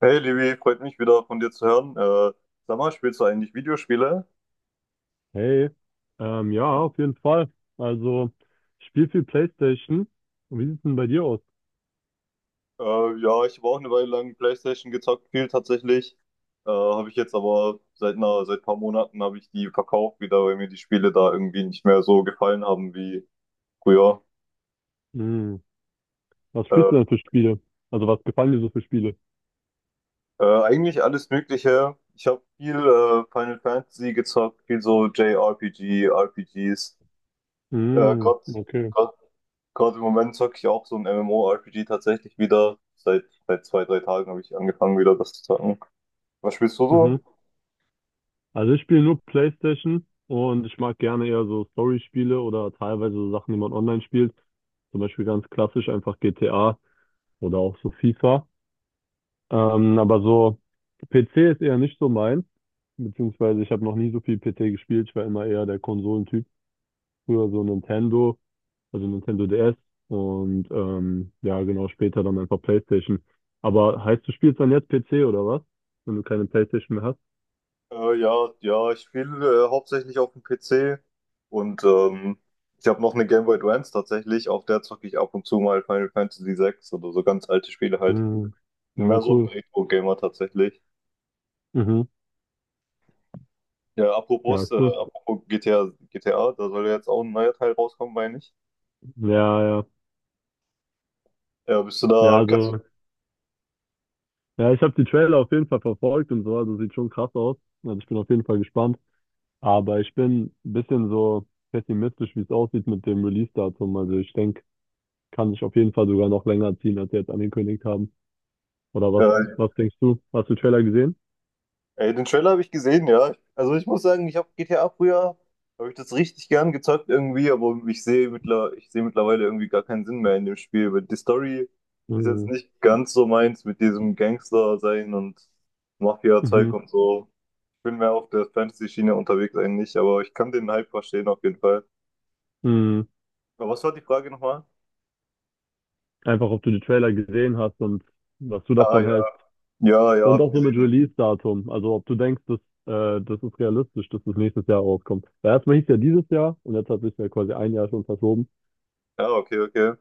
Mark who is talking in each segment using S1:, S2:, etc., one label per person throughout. S1: Hey Livi, freut mich wieder von dir zu hören. Sag mal, spielst du eigentlich Videospiele?
S2: Hey, ja, auf jeden Fall. Also, ich spiele viel PlayStation. Und wie sieht's denn bei dir aus?
S1: Äh, ja, ich habe auch eine Weile lang PlayStation gezockt, viel tatsächlich. Habe ich jetzt aber seit ein paar Monaten habe ich die verkauft wieder, weil mir die Spiele da irgendwie nicht mehr so gefallen haben wie früher.
S2: Hm, was
S1: Äh,
S2: spielst du denn für Spiele? Also, was gefallen dir so für Spiele?
S1: Eigentlich alles Mögliche. Ich habe viel Final Fantasy gezockt, viel so JRPG, RPGs. Äh,
S2: Hm,
S1: gerade
S2: okay.
S1: Gerade im Moment zocke ich auch so ein MMORPG tatsächlich wieder. Seit 2, 3 Tagen habe ich angefangen, wieder das zu zocken. Was spielst du so?
S2: Mhm. Also, ich spiele nur PlayStation und ich mag gerne eher so Story-Spiele oder teilweise so Sachen, die man online spielt. Zum Beispiel ganz klassisch einfach GTA oder auch so FIFA. Aber so PC ist eher nicht so meins. Beziehungsweise, ich habe noch nie so viel PC gespielt. Ich war immer eher der Konsolentyp. Früher so Nintendo, also Nintendo DS und ja, genau, später dann einfach PlayStation. Aber heißt, du spielst dann jetzt PC oder was? Wenn du keine PlayStation mehr hast?
S1: Ja, ja, ich spiele hauptsächlich auf dem PC und ich habe noch eine Game Boy Advance tatsächlich. Auf der zocke ich ab und zu mal Final Fantasy VI oder so ganz alte Spiele halt.
S2: Mhm. Ja,
S1: Mehr so ein
S2: cool.
S1: Retro-Gamer tatsächlich.
S2: Mhm.
S1: Ja,
S2: Ja,
S1: apropos, äh,
S2: cool.
S1: apropos GTA, GTA, da soll ja jetzt auch ein neuer Teil rauskommen, meine ich.
S2: Ja, ja.
S1: Bist du
S2: Ja,
S1: da, kannst,
S2: also, ja, ich habe die Trailer auf jeden Fall verfolgt und so, also sieht schon krass aus. Also ich bin auf jeden Fall gespannt. Aber ich bin ein bisschen so pessimistisch, wie es aussieht mit dem Release-Datum. Also ich denke, kann sich auf jeden Fall sogar noch länger ziehen, als sie jetzt angekündigt haben. Oder was,
S1: äh,
S2: was denkst du? Hast du den Trailer gesehen?
S1: ey, den Trailer habe ich gesehen, ja. Also ich muss sagen, ich habe GTA früher, habe ich das richtig gern gezockt irgendwie, aber ich sehe mittlerweile irgendwie gar keinen Sinn mehr in dem Spiel, weil die Story ist jetzt
S2: Mhm.
S1: nicht ganz so meins mit diesem Gangster sein und Mafia-Zeug
S2: Mhm.
S1: und so. Ich bin mehr auf der Fantasy-Schiene unterwegs eigentlich, aber ich kann den Hype verstehen auf jeden Fall.
S2: Mhm.
S1: Aber was war die Frage nochmal?
S2: Einfach, ob du die Trailer gesehen hast und was du
S1: Ah
S2: davon
S1: ja,
S2: hältst.
S1: ja, ja,
S2: Und
S1: habe ich
S2: auch so mit
S1: gesehen.
S2: Release-Datum. Also, ob du denkst, dass, das ist realistisch, dass das nächstes Jahr rauskommt. Weil erstmal hieß ja dieses Jahr und jetzt hat sich ja quasi ein Jahr schon verschoben.
S1: Ja, okay, okay.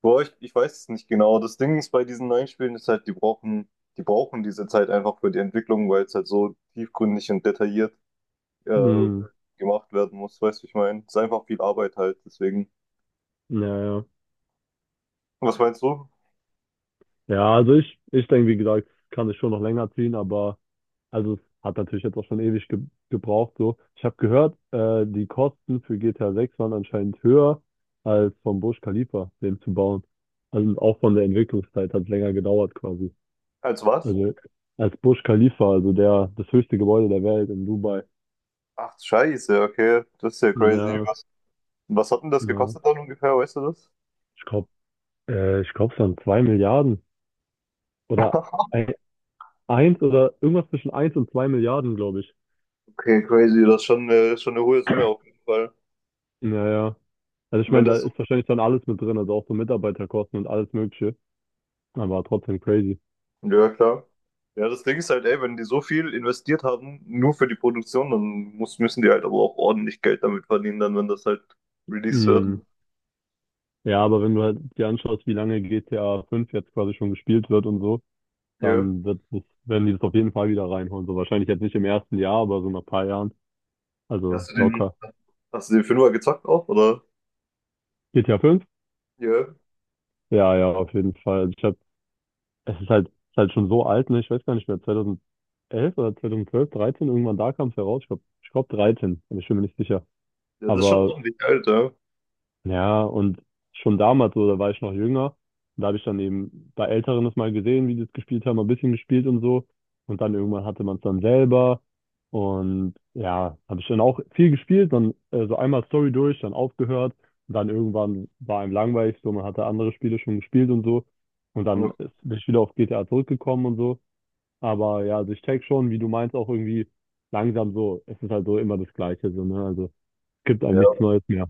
S1: Boah, ich weiß es nicht genau. Das Ding ist bei diesen neuen Spielen ist halt, die brauchen diese Zeit einfach für die Entwicklung, weil es halt so tiefgründig und detailliert äh,
S2: Mhm.
S1: gemacht werden muss. Weißt du, ich meine, es ist einfach viel Arbeit halt. Deswegen.
S2: Ja, ja.
S1: Was meinst du?
S2: Ja, also ich denke, wie gesagt, kann es schon noch länger ziehen, aber also es hat natürlich jetzt auch schon ewig ge gebraucht. So. Ich habe gehört, die Kosten für GTA 6 waren anscheinend höher als vom Burj Khalifa, den zu bauen. Also auch von der Entwicklungszeit hat es länger gedauert quasi.
S1: Als was?
S2: Also als Burj Khalifa, also der, das höchste Gebäude der Welt in Dubai.
S1: Ach, scheiße, okay, das ist ja crazy.
S2: Ja,
S1: Was hat denn das
S2: ja.
S1: gekostet dann ungefähr? Weißt du das?
S2: Ich glaube, ich glaube, es waren zwei Milliarden oder ein, eins oder irgendwas zwischen eins und zwei Milliarden, glaube ich.
S1: Okay, crazy, das ist schon eine hohe Summe auf jeden Fall.
S2: Naja, also ich
S1: Wenn
S2: meine, da
S1: das.
S2: ist wahrscheinlich dann alles mit drin, also auch so Mitarbeiterkosten und alles Mögliche. Aber trotzdem crazy.
S1: Ja, klar. Ja, das Ding ist halt, ey, wenn die so viel investiert haben, nur für die Produktion, dann müssen die halt aber auch ordentlich Geld damit verdienen, dann, wenn das halt released wird.
S2: Mhm. Ja, aber wenn du halt dir anschaust, wie lange GTA 5 jetzt quasi schon gespielt wird und so,
S1: Ja.
S2: dann wird das, werden die das auf jeden Fall wieder reinholen. So wahrscheinlich jetzt nicht im ersten Jahr, aber so nach ein paar Jahren. Also
S1: Hast du den,
S2: locker.
S1: hast du den Fünfer gezockt auch, oder?
S2: GTA 5?
S1: Ja.
S2: Ja, ja, auf jeden Fall. Also ich habe, es ist halt schon so alt, ne? Ich weiß gar nicht mehr, 2011 oder 2012, 13, irgendwann da kam es heraus. Ich glaube, ich glaub 13, aber ich bin mir nicht sicher.
S1: Ja, das ist schon
S2: Aber
S1: ordentlich Geld, ja.
S2: ja, und schon damals, so, da war ich noch jünger. Und da habe ich dann eben bei Älteren das mal gesehen, wie die es gespielt haben, ein bisschen gespielt und so. Und dann irgendwann hatte man es dann selber. Und ja, habe ich dann auch viel gespielt, dann so einmal Story durch, dann aufgehört. Und dann irgendwann war einem langweilig, so man hatte andere Spiele schon gespielt und so. Und dann ist, bin ich wieder auf GTA zurückgekommen und so. Aber ja, also ich check schon, wie du meinst, auch irgendwie langsam so. Es ist halt so immer das Gleiche, so, ne? Also es gibt einem nichts
S1: Ja.
S2: Neues mehr.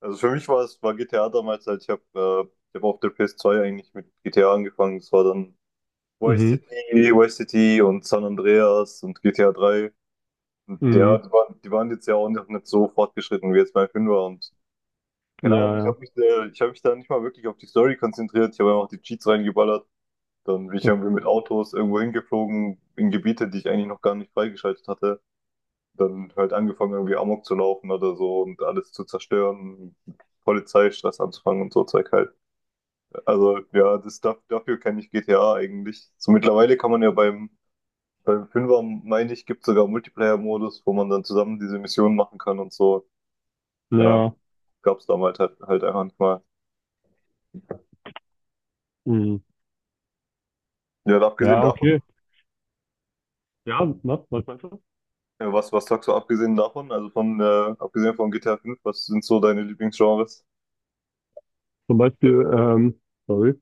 S1: Also für mich war G T A damals halt, ich hab auf der PS2 eigentlich mit G T A angefangen. Es war dann Vice
S2: Mhm.
S1: City, und San Andreas und GTA 3. Und ja,
S2: Mhm.
S1: die waren jetzt ja auch noch nicht so fortgeschritten wie jetzt mein Fünfer und. Keine Ahnung, ich
S2: Ja,
S1: habe mich, da- ich hab mich da nicht mal wirklich auf die Story konzentriert. Ich habe einfach die Cheats reingeballert. Dann bin ich
S2: ja.
S1: irgendwie mit Autos irgendwo hingeflogen, in Gebiete, die ich eigentlich noch gar nicht freigeschaltet hatte. Dann halt angefangen, irgendwie Amok zu laufen oder so und alles zu zerstören, Polizeistress anzufangen und so Zeug halt. Also ja, dafür kenne ich GTA eigentlich. So mittlerweile kann man ja beim Fünfer, meine ich, gibt sogar Multiplayer-Modus, wo man dann zusammen diese Missionen machen kann und so. Ja,
S2: Ja.
S1: gab's damals halt einfach nicht mal.
S2: Mhm.
S1: Ja, und abgesehen
S2: Ja, okay.
S1: davon.
S2: Ja, was meinst du?
S1: Ja, Was sagst du abgesehen davon, also abgesehen von GTA 5, was sind so deine Lieblingsgenres?
S2: Zum Beispiel, sorry,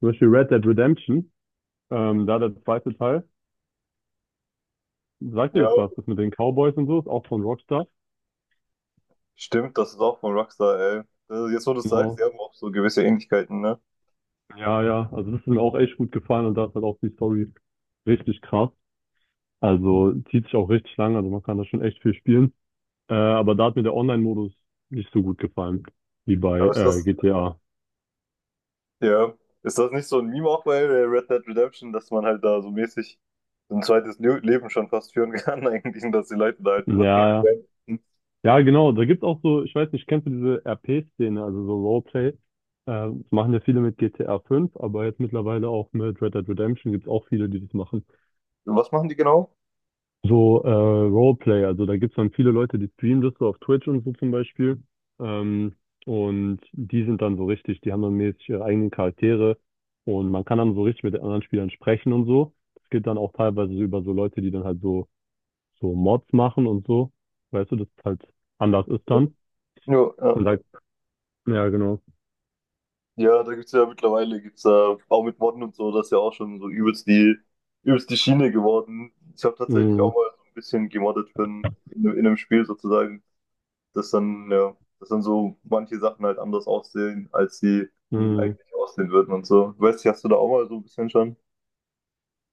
S2: zum Beispiel Red Dead Redemption, da der zweite Teil. Sagt dir
S1: Ja,
S2: das was? Das mit den Cowboys und so, ist auch von Rockstar.
S1: stimmt, das ist auch von Rockstar, ey. Das, jetzt, wo du es sagst, die
S2: Genau.
S1: haben auch so gewisse Ähnlichkeiten, ne?
S2: Ja, ja. Also das ist mir auch echt gut gefallen und da ist halt auch die Story richtig krass. Also zieht sich auch richtig lang, also man kann da schon echt viel spielen. Aber da hat mir der Online-Modus nicht so gut gefallen wie bei
S1: Aber ist das,
S2: GTA.
S1: ja, Ist das nicht so ein Meme auch bei Red Dead Redemption, dass man halt da so mäßig so ein zweites Le Leben schon fast führen kann, eigentlich, und dass die Leute da halt
S2: Ja,
S1: übertrieben
S2: ja.
S1: werden? Hm.
S2: Ja, genau. Da gibt es auch so, ich weiß nicht, kennst du diese RP-Szene, also so Roleplay? Das machen ja viele mit GTA 5, aber jetzt mittlerweile auch mit Red Dead Redemption gibt es auch viele, die das machen.
S1: Was machen die genau?
S2: So Roleplay, also da gibt es dann viele Leute, die streamen das so auf Twitch und so zum Beispiel. Ähm, und die sind dann so richtig, die haben dann mäßig ihre eigenen Charaktere und man kann dann so richtig mit den anderen Spielern sprechen und so. Das geht dann auch teilweise so über so Leute, die dann halt so Mods machen und so. Weißt du, das ist halt anders ist dann.
S1: Ja,
S2: Und da ja, genau.
S1: ja, da gibt's ja mittlerweile, gibt's ja auch mit Modden und so, das ist ja auch schon so übelst die Schiene geworden. Ich habe tatsächlich
S2: Mhm.
S1: auch mal so ein bisschen gemoddet in einem Spiel sozusagen, dass dann so manche Sachen halt anders aussehen, als sie
S2: Mhm.
S1: eigentlich aussehen würden und so. Weißt du, hast du da auch mal so ein bisschen schon?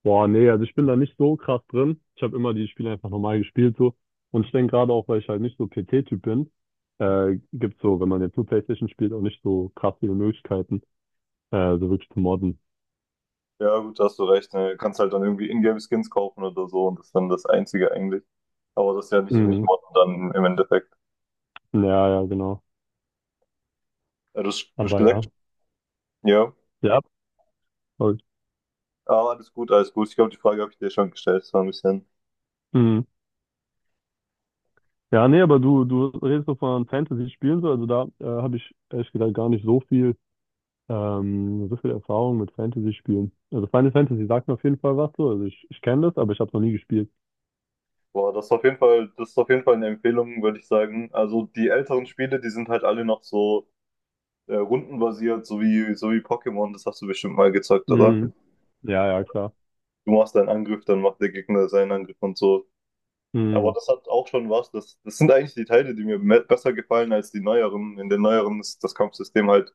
S2: Boah, nee, also ich bin da nicht so krass drin. Ich habe immer die Spiele einfach normal gespielt so. Und ich denke gerade auch, weil ich halt nicht so PC-Typ bin, gibt's so, wenn man jetzt nur PlayStation spielt, auch nicht so krass viele Möglichkeiten, so wirklich zu modden.
S1: Ja, gut, da hast du recht. Ne? Du kannst halt dann irgendwie Ingame-Skins kaufen oder so und das ist dann das Einzige eigentlich. Aber das ist ja nicht, nicht
S2: Mhm.
S1: Modden dann im Endeffekt.
S2: Ja, ja, genau.
S1: Ja, Du hast
S2: Aber ja.
S1: gesagt, ja.
S2: Ja, voll.
S1: Ja, alles gut, alles gut. Ich glaube, die Frage habe ich dir schon gestellt. So ein bisschen.
S2: Mhm. Ja, nee, aber du redest so von Fantasy-Spielen so, also da habe ich ehrlich gesagt gar nicht so viel Erfahrung mit Fantasy-Spielen. Also Final Fantasy sagt mir auf jeden Fall was so. Also ich kenne das, aber ich habe es noch nie gespielt.
S1: Boah, das ist auf jeden Fall eine Empfehlung, würde ich sagen. Also die älteren Spiele, die sind halt alle noch so rundenbasiert, so wie Pokémon. Das hast du bestimmt mal gezockt, oder?
S2: Mhm. Ja, ja, klar.
S1: Du machst deinen Angriff, dann macht der Gegner seinen Angriff und so. Aber
S2: Mhm.
S1: das hat auch schon was. Das sind eigentlich die Teile, die mir besser gefallen als die neueren. In den neueren ist das Kampfsystem halt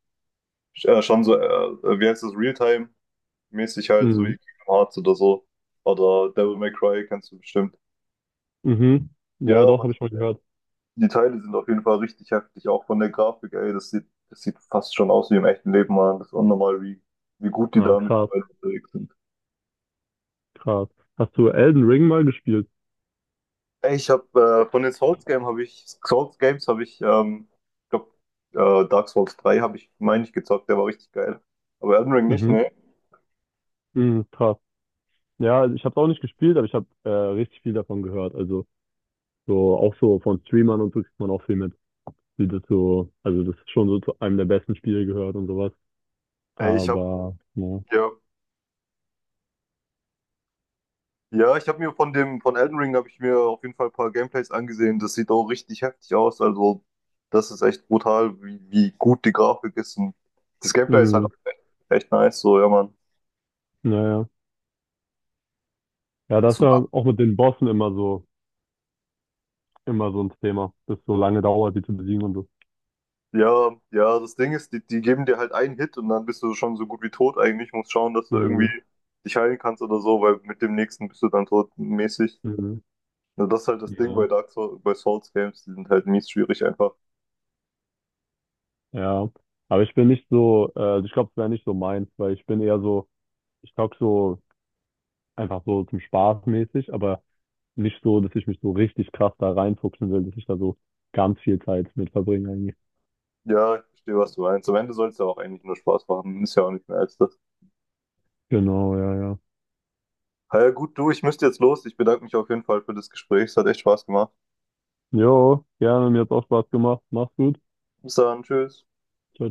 S1: schon so, wie heißt das, Realtime-mäßig halt, so wie
S2: Mhm.
S1: Kingdom Hearts oder so. Oder Devil May Cry kennst du bestimmt.
S2: Mhm.
S1: Ja,
S2: Ja, doch,
S1: aber
S2: habe ich mal gehört.
S1: die Teile sind auf jeden Fall richtig heftig, auch von der Grafik, ey. Das sieht fast schon aus wie im echten Leben, Mann. Das ist unnormal, wie gut die
S2: Na,
S1: da
S2: krass,
S1: mittlerweile unterwegs sind.
S2: krass. Hast du Elden Ring mal gespielt?
S1: Ey, ich habe von den Souls Games habe ich ich glaube, Dark Souls 3 habe ich, meine ich, gezockt, der war richtig geil. Aber Elden Ring nicht,
S2: Mhm.
S1: ne?
S2: Mhm, krass. Ja, also ich habe es auch nicht gespielt, aber ich habe richtig viel davon gehört. Also so auch so von Streamern und so kriegt man auch viel mit, wie das so, also das ist schon so zu einem der besten Spiele gehört und sowas.
S1: Ey, ich habe
S2: Aber ja.
S1: ja Ja, ich habe mir von Elden Ring habe ich mir auf jeden Fall ein paar Gameplays angesehen. Das sieht auch richtig heftig aus. Also, das ist echt brutal, wie gut die Grafik ist. Und das Gameplay ist halt
S2: Mhm.
S1: auch echt, echt nice, so, ja, Mann.
S2: Naja. Ja, das
S1: Das,
S2: ist ja auch mit den Bossen immer so ein Thema, dass so lange dauert, die zu besiegen und so.
S1: ja, ja, das Ding ist, die geben dir halt einen Hit und dann bist du schon so gut wie tot eigentlich. Musst schauen, dass du irgendwie
S2: Mhm,
S1: dich heilen kannst oder so, weil mit dem nächsten bist du dann tot mäßig.
S2: mhm,
S1: Ja, das ist halt das Ding
S2: ja,
S1: bei Dark Souls, bei Souls Games, die sind halt mies schwierig einfach.
S2: ja. Aber ich bin nicht so, ich glaube, es wäre nicht so meins, weil ich bin eher so, ich zocke so einfach so zum Spaß mäßig, aber nicht so, dass ich mich so richtig krass da reinfuchsen will, dass ich da so ganz viel Zeit mit verbringe eigentlich.
S1: Ja, ich verstehe, was du meinst. Am Ende soll es ja auch eigentlich nur Spaß machen. Ist ja auch nicht mehr als das.
S2: Genau, ja, ja.
S1: Ja, gut, du, ich müsste jetzt los. Ich bedanke mich auf jeden Fall für das Gespräch. Es hat echt Spaß gemacht.
S2: Jo, gerne, mir hat's auch Spaß gemacht. Mach's gut.
S1: Bis dann, tschüss.
S2: Ciao.